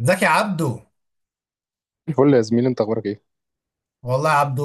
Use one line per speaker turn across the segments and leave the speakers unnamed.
ازيك يا عبدو.
الفل يا زميلي، انت اخبارك ايه؟
والله يا عبدو،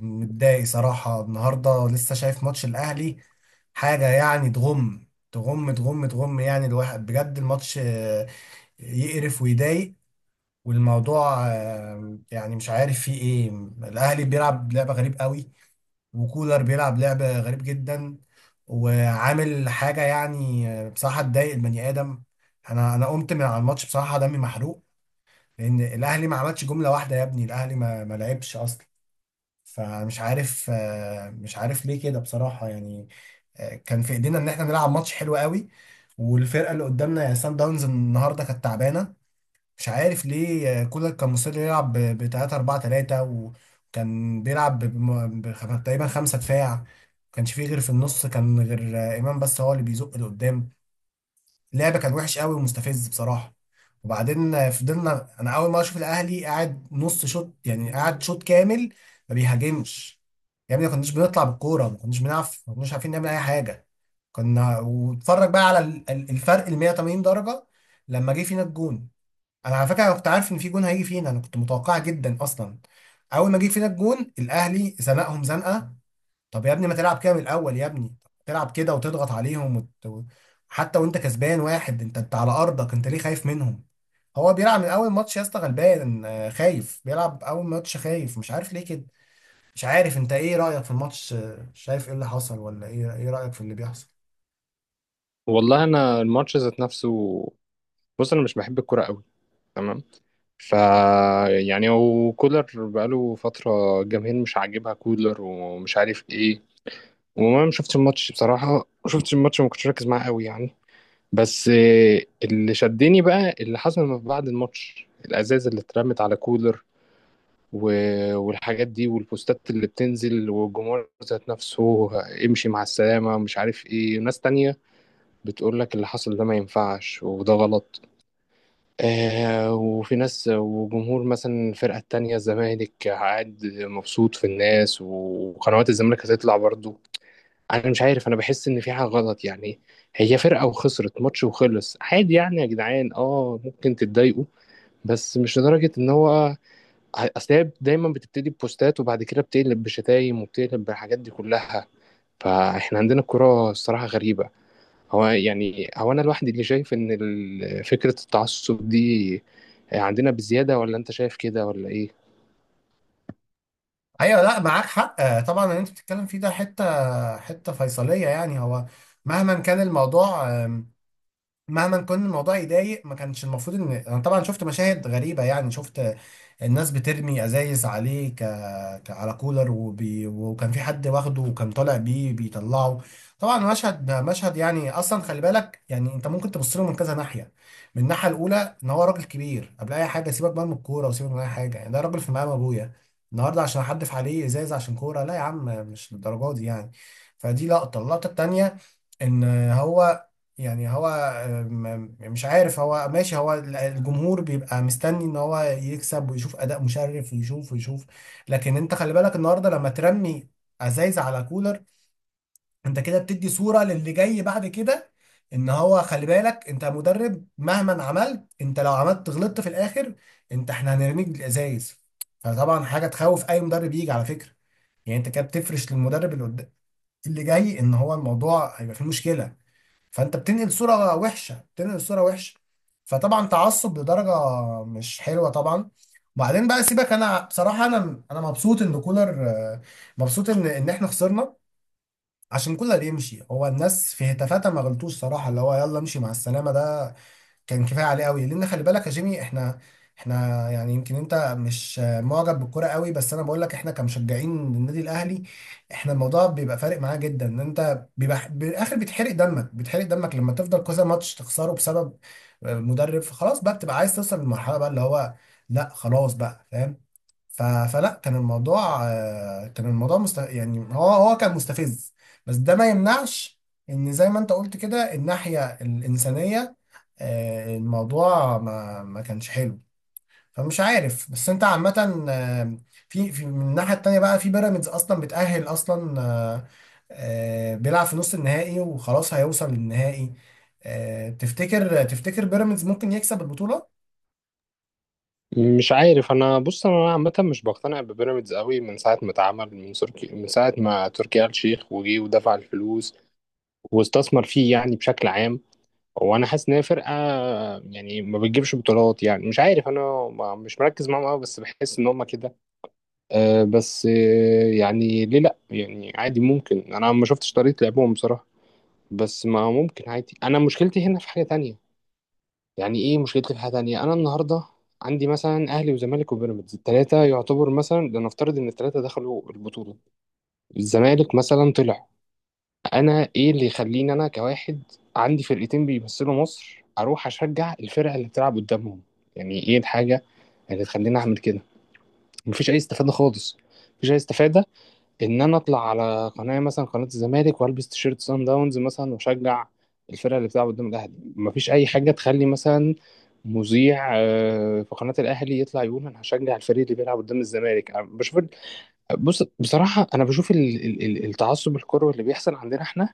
متضايق صراحة النهاردة، لسه شايف ماتش الأهلي. حاجة يعني تغم تغم تغم تغم، يعني الواحد بجد الماتش يقرف ويضايق. والموضوع يعني مش عارف فيه ايه. الأهلي بيلعب لعبة غريب قوي، وكولر بيلعب لعبة غريب جدا، وعامل حاجة يعني بصراحة تضايق البني آدم. أنا قمت من على الماتش بصراحة دمي محروق، لأن الأهلي ما عملش جملة واحدة. يا ابني الأهلي ما لعبش أصلا. فمش عارف، مش عارف ليه كده بصراحة يعني. كان في ايدينا ان احنا نلعب ماتش حلو قوي، والفرقة اللي قدامنا يعني سان داونز النهاردة كانت تعبانة. مش عارف ليه، كولر كان مصر يلعب ب 3 4 3، وكان بيلعب تقريبا خمسة دفاع. ما كانش فيه غير في النص، كان غير إمام بس هو اللي بيزق لقدام. اللعب كان وحش قوي ومستفز بصراحه. وبعدين فضلنا، انا اول ما اشوف الاهلي قاعد نص شوط، يعني قاعد شوط كامل ما بيهاجمش. يا ابني ما كناش بنطلع بالكوره، ما كناش بنعرف، ما كناش عارفين نعمل اي حاجه. كنا واتفرج بقى على الفرق ال 180 درجه لما جه فينا الجون. انا على فكره أنا كنت عارف ان في جون هيجي فينا، انا كنت متوقع جدا اصلا. اول ما جه فينا الجون الاهلي زنقهم زنقه. طب يا ابني ما تلعب كده من الاول يا ابني، تلعب كده وتضغط عليهم حتى وانت كسبان واحد، انت على ارضك، انت ليه خايف منهم؟ هو بيلعب من اول ماتش يا اسطى غلبان، خايف، بيلعب اول ماتش خايف، مش عارف ليه كده. مش عارف انت ايه رايك في الماتش، شايف ايه اللي حصل، ولا ايه ايه رايك في اللي بيحصل؟
والله انا الماتش ذات نفسه. بص، انا مش بحب الكوره قوي. تمام. ف يعني هو كولر بقاله فتره الجماهير مش عاجبها كولر ومش عارف ايه. وما شفتش الماتش بصراحه، ما شفتش الماتش وما كنتش ركز معاه قوي يعني. بس اللي شدني بقى اللي حصل ما بعد الماتش، الازاز اللي اترمت على كولر و... والحاجات دي والبوستات اللي بتنزل والجمهور ذات نفسه، امشي مع السلامه مش عارف ايه، ناس تانية بتقول لك اللي حصل ده ما ينفعش وده غلط. آه، وفي ناس وجمهور مثلا الفرقة التانية، الزمالك قاعد مبسوط في الناس وقنوات الزمالك هتطلع برضو. أنا مش عارف، أنا بحس إن في حاجة غلط يعني. هي فرقة وخسرت ماتش وخلص عادي، يعني يا جدعان اه ممكن تتضايقوا، بس مش لدرجة إن هو. أصل هي دايما بتبتدي ببوستات وبعد كده بتقلب بشتايم وبتقلب بالحاجات دي كلها. فإحنا عندنا الكرة الصراحة غريبة. هو يعني هو انا لوحدي اللي شايف ان فكرة التعصب دي عندنا بزيادة، ولا انت شايف كده ولا ايه؟
ايوه، لا معاك حق، طبعا اللي انت بتتكلم فيه ده حته حته فيصليه يعني. هو مهما كان الموضوع، مهما كان الموضوع يضايق، ما كانش المفروض. ان انا طبعا شفت مشاهد غريبه، يعني شفت الناس بترمي ازايز عليه على كولر، وكان في حد واخده وكان طالع بيه بيطلعه. طبعا مشهد يعني اصلا، خلي بالك يعني انت ممكن تبص له من كذا ناحيه. من الناحيه الاولى ان هو راجل كبير قبل اي حاجه، سيبك بقى من الكوره وسيبك من اي حاجه، يعني ده راجل في مقام ابويا. النهارده عشان احدف عليه ازايز عشان كوره؟ لا يا عم مش للدرجه دي يعني. فدي لقطه. اللقطه التانيه ان هو، يعني هو، مش عارف، هو ماشي، هو الجمهور بيبقى مستني ان هو يكسب ويشوف اداء مشرف ويشوف ويشوف. لكن انت خلي بالك، النهارده لما ترمي ازايز على كولر، انت كده بتدي صورة للي جاي بعد كده. ان هو خلي بالك، انت مدرب مهما عملت، انت لو عملت غلطت في الاخر، انت احنا هنرميك بالازايز. فطبعا حاجة تخوف اي مدرب يجي على فكرة. يعني انت كده بتفرش للمدرب اللي جاي ان هو الموضوع هيبقى فيه مشكلة. فانت بتنقل صورة وحشة، بتنقل صورة وحشة. فطبعا تعصب لدرجة مش حلوة طبعا. وبعدين بقى سيبك، انا بصراحة انا مبسوط ان كولر، مبسوط ان احنا خسرنا عشان كولر يمشي. هو الناس في هتافاتها ما غلطوش صراحة، اللي هو يلا امشي مع السلامة ده كان كفايه عليه قوي. لان خلي بالك يا جيمي، احنا يعني، يمكن انت مش معجب بالكوره قوي، بس انا بقول لك احنا كمشجعين للنادي الاهلي، احنا الموضوع بيبقى فارق معاه جدا. ان انت بيبقى بالاخر بتحرق دمك، بتحرق دمك لما تفضل كذا ماتش تخسره بسبب مدرب. فخلاص بقى بتبقى عايز توصل للمرحله بقى اللي هو، لا خلاص بقى فاهم. ف- فلا كان الموضوع، كان الموضوع يعني هو كان مستفز. بس ده ما يمنعش ان زي ما انت قلت كده الناحيه الانسانيه، الموضوع ما كانش حلو. فمش عارف. بس انت عامة، في من الناحية التانية بقى، في بيراميدز اصلا بتأهل اصلا، بيلعب في نص النهائي وخلاص هيوصل للنهائي. تفتكر تفتكر بيراميدز ممكن يكسب البطولة؟
مش عارف انا. بص، انا عامه مش بقتنع ببيراميدز قوي من ساعه ما اتعمل، من تركي، من ساعه ما تركي آل الشيخ وجي ودفع الفلوس واستثمر فيه يعني بشكل عام. وانا حاسس ان هي فرقه يعني ما بتجيبش بطولات، يعني مش عارف انا. مش مركز معاهم قوي، بس بحس ان هم كده. أه بس يعني ليه لا؟ يعني عادي، ممكن انا ما شفتش طريقه لعبهم بصراحه. بس ما ممكن عادي. انا مشكلتي هنا في حاجه تانية. يعني ايه مشكلتي في حاجه تانية؟ انا النهارده عندي مثلا اهلي وزمالك وبيراميدز، الثلاثه يعتبر مثلا، لنفترض ان الثلاثه دخلوا البطوله، الزمالك مثلا طلع. انا ايه اللي يخليني انا كواحد عندي فرقتين بيمثلوا مصر اروح اشجع الفرقه اللي بتلعب قدامهم؟ يعني ايه الحاجه اللي تخليني اعمل كده؟ مفيش اي استفاده خالص، مفيش اي استفاده ان انا اطلع على قناه مثلا، قناه الزمالك، والبس تيشيرت سان داونز مثلا واشجع الفرقه اللي بتلعب قدام الاهلي. مفيش اي حاجه تخلي مثلا مذيع في قناه الاهلي يطلع يقول انا هشجع الفريق اللي بيلعب قدام الزمالك. أنا بشوف بص، بصراحه انا بشوف التعصب الكروي اللي بيحصل عندنا احنا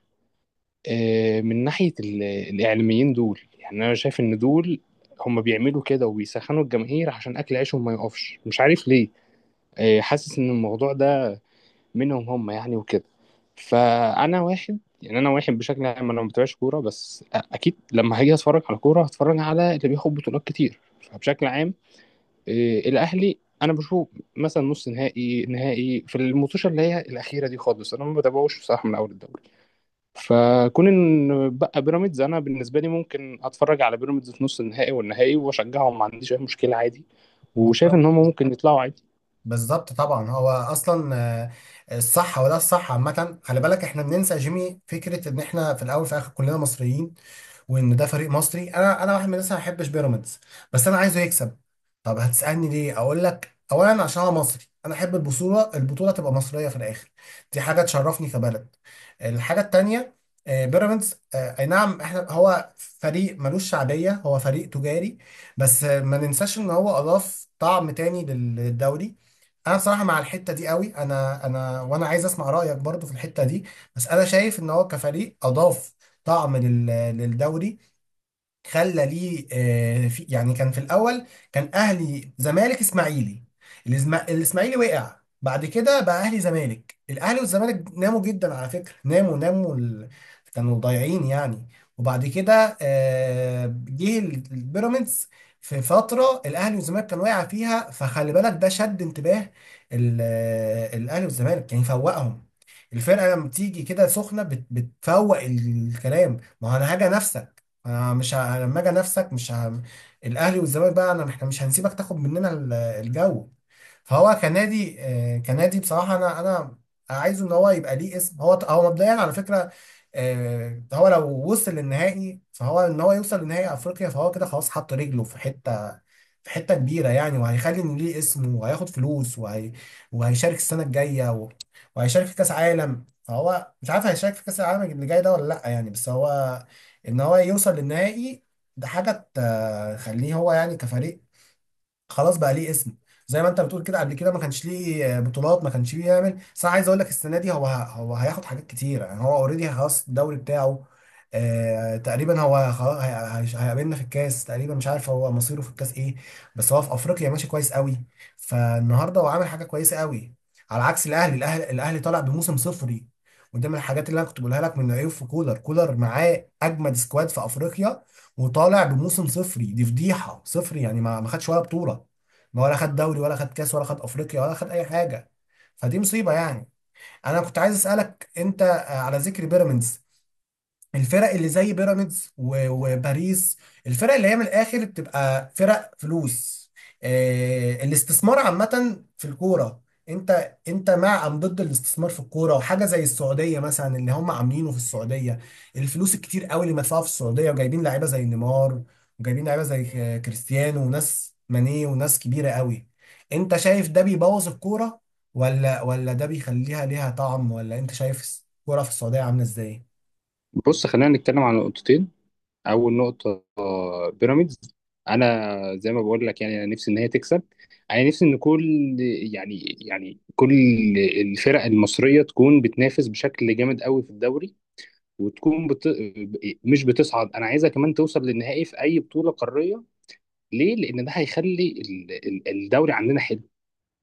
من ناحيه الاعلاميين دول، يعني انا شايف ان دول هم بيعملوا كده وبيسخنوا الجماهير عشان اكل عيشهم ما يقفش، مش عارف ليه. حاسس ان الموضوع ده منهم هم يعني، وكده. فانا واحد يعني، انا واحد بشكل عام انا ما بتابعش كوره، بس اكيد لما هاجي اتفرج على كوره هتفرج على اللي بياخد بطولات كتير، فبشكل عام إيه، الاهلي انا بشوف مثلا نص نهائي نهائي في الماتشات اللي هي الاخيره دي خالص، انا ما بتابعوش بصراحه من اول الدوري. فكون ان بقى بيراميدز، انا بالنسبه لي ممكن اتفرج على بيراميدز في نص النهائي والنهائي واشجعهم، ما عنديش اي مشكله عادي. وشايف
بالظبط،
ان هم ممكن يطلعوا عادي.
بالظبط. طبعا هو اصلا، الصح، وده الصح عامة. خلي بالك احنا بننسى يا جيمي فكرة ان احنا في الاول في الاخر كلنا مصريين، وان ده فريق مصري. انا واحد من الناس ما بحبش بيراميدز، بس انا عايزه يكسب. طب هتسالني ليه؟ اقول لك، اولا عشان انا مصري، انا احب البطوله، البطوله تبقى مصريه في الاخر، دي حاجه تشرفني كبلد. الحاجه التانيه، بيراميدز، اي نعم احنا هو فريق ملوش شعبيه، هو فريق تجاري، بس ما ننساش ان هو اضاف طعم تاني للدوري. انا بصراحه مع الحته دي قوي، انا وانا عايز اسمع رايك برضو في الحته دي. بس انا شايف ان هو كفريق اضاف طعم للدوري. خلى ليه، في، يعني كان في الاول كان اهلي زمالك اسماعيلي. الاسماعيلي وقع. بعد كده بقى اهلي زمالك، الاهلي والزمالك ناموا جدا على فكره، ناموا كانوا ضايعين يعني. وبعد كده جه البيراميدز في فتره الاهلي والزمالك كان واقع فيها. فخلي بالك ده شد انتباه الاهلي والزمالك يعني فوقهم. الفرقه لما بتيجي كده سخنه بتفوق الكلام، ما هو انا هاجي انافسك، انا مش ه... لما اجي نفسك مش ه... الاهلي والزمالك بقى، انا احنا مش هنسيبك تاخد مننا الجو. فهو كنادي، كنادي بصراحه، انا عايزه ان هو يبقى ليه اسم. هو مبدئيا على فكره، هو لو وصل للنهائي، فهو ان هو يوصل لنهائي افريقيا فهو كده خلاص حط رجله في حته، في حته كبيره يعني، وهيخلي ان ليه اسمه، وهياخد فلوس، وهيشارك السنه الجايه وهيشارك في كاس عالم. فهو مش عارف هيشارك في كاس العالم اللي جاي ده ولا لا يعني، بس هو ان هو يوصل للنهائي، ده حاجه تخليه هو يعني كفريق خلاص بقى ليه اسم. زي ما انت بتقول كده قبل كده ما كانش ليه بطولات، ما كانش بيعمل، بس انا عايز اقول لك السنه دي هو هياخد حاجات كتير يعني، هو اوريدي خلاص الدوري بتاعه آه تقريبا هو خلاص. هيقابلنا في الكاس تقريبا، مش عارف هو مصيره في الكاس ايه، بس هو في افريقيا ماشي كويس قوي. فالنهارده هو عامل حاجه كويسه قوي على عكس الاهلي. الاهلي الاهلي طالع بموسم صفري. ودي من الحاجات اللي انا كنت بقولها لك من عيوب في كولر معاه اجمد سكواد في افريقيا وطالع بموسم صفري، دي فضيحه. صفري يعني ما خدش ولا بطوله، ما ولا خد دوري، ولا خد كاس، ولا خد افريقيا، ولا خد اي حاجه. فدي مصيبه يعني. انا كنت عايز اسالك انت، على ذكر بيراميدز، الفرق اللي زي بيراميدز وباريس، الفرق اللي هي من الاخر بتبقى فرق فلوس، الاستثمار عامة في الكورة، انت مع ام ضد الاستثمار في الكورة؟ وحاجة زي السعودية مثلا اللي هم عاملينه في السعودية، الفلوس الكتير قوي اللي مدفوعة في السعودية، وجايبين لعيبة زي نيمار، وجايبين لعيبة زي كريستيانو وناس ماني وناس كبيرة قوي. انت شايف ده بيبوظ الكورة، ولا ده بيخليها ليها طعم؟ ولا انت شايف الكورة في السعودية عاملة ازاي؟
بص، خلينا نتكلم عن نقطتين. اول نقطه، بيراميدز. انا زي ما بقول لك يعني، انا نفسي ان هي تكسب. انا نفسي ان كل، يعني كل الفرق المصريه تكون بتنافس بشكل جامد قوي في الدوري. وتكون مش بتصعد، انا عايزها كمان توصل للنهائي في اي بطوله قاريه. ليه؟ لان ده هيخلي الدوري عندنا حلو،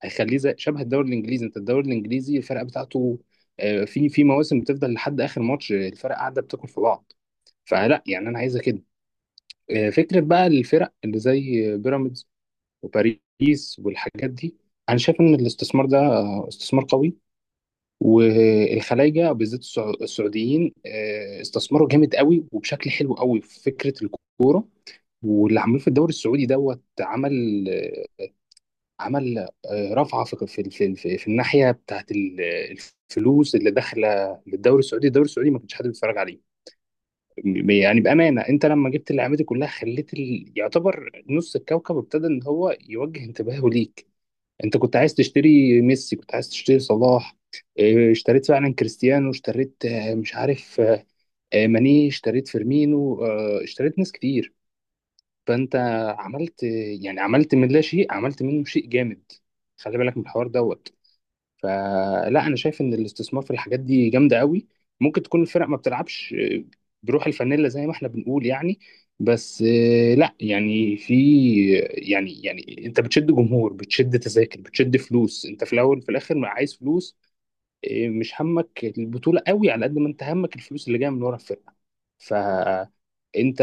هيخليه زي شبه الدوري الانجليزي. انت الدوري الانجليزي الفرق بتاعته في مواسم بتفضل لحد اخر ماتش الفرق قاعده بتاكل في بعض. فلا يعني انا عايزه كده. فكرة بقى الفرق اللي زي بيراميدز وباريس والحاجات دي، أنا شايف إن الاستثمار ده استثمار قوي. والخلايجة بالذات السعوديين استثمروا جامد قوي وبشكل حلو قوي في فكرة الكورة، واللي عملوه في الدوري السعودي دوت. عمل عمل رفعة في الناحية بتاعت الفلوس اللي داخلة للدوري السعودي. الدوري السعودي ما كانش حد بيتفرج عليه. يعني بأمانة، أنت لما جبت اللعيبة دي كلها خليت يعتبر نص الكوكب ابتدى إن هو يوجه انتباهه ليك. أنت كنت عايز تشتري ميسي، كنت عايز تشتري صلاح إيه، اشتريت فعلا كريستيانو، اشتريت آه، مش عارف آه، آه، ماني، اشتريت فيرمينو اشتريت ناس كتير. فأنت عملت، يعني عملت من لا شيء، عملت منه شيء جامد. خلي بالك من الحوار دوت. فلا انا شايف ان الاستثمار في الحاجات دي جامده قوي. ممكن تكون الفرق ما بتلعبش بروح الفانيلا زي ما احنا بنقول يعني. بس لا يعني في، يعني انت بتشد جمهور بتشد تذاكر بتشد فلوس، انت في الاول في الاخر ما عايز فلوس مش همك البطوله قوي على قد ما انت همك الفلوس اللي جايه من ورا الفرقه. فانت،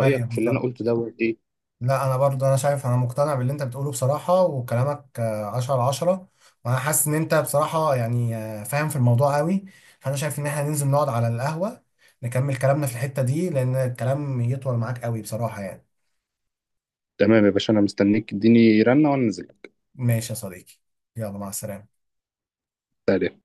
ايوه،
في اللي انا قلته
بالظبط.
ده ايه؟
لا انا برضه، انا شايف، انا مقتنع باللي انت بتقوله بصراحه، وكلامك عشرة على عشرة. وانا حاسس ان انت بصراحه يعني فاهم في الموضوع قوي. فانا شايف ان احنا ننزل نقعد على القهوه، نكمل كلامنا في الحته دي، لان الكلام يطول معاك قوي بصراحه يعني.
تمام يا باشا، انا مستنيك، اديني رنه وانا
ماشي يا صديقي، يلا مع السلامه.
نازل.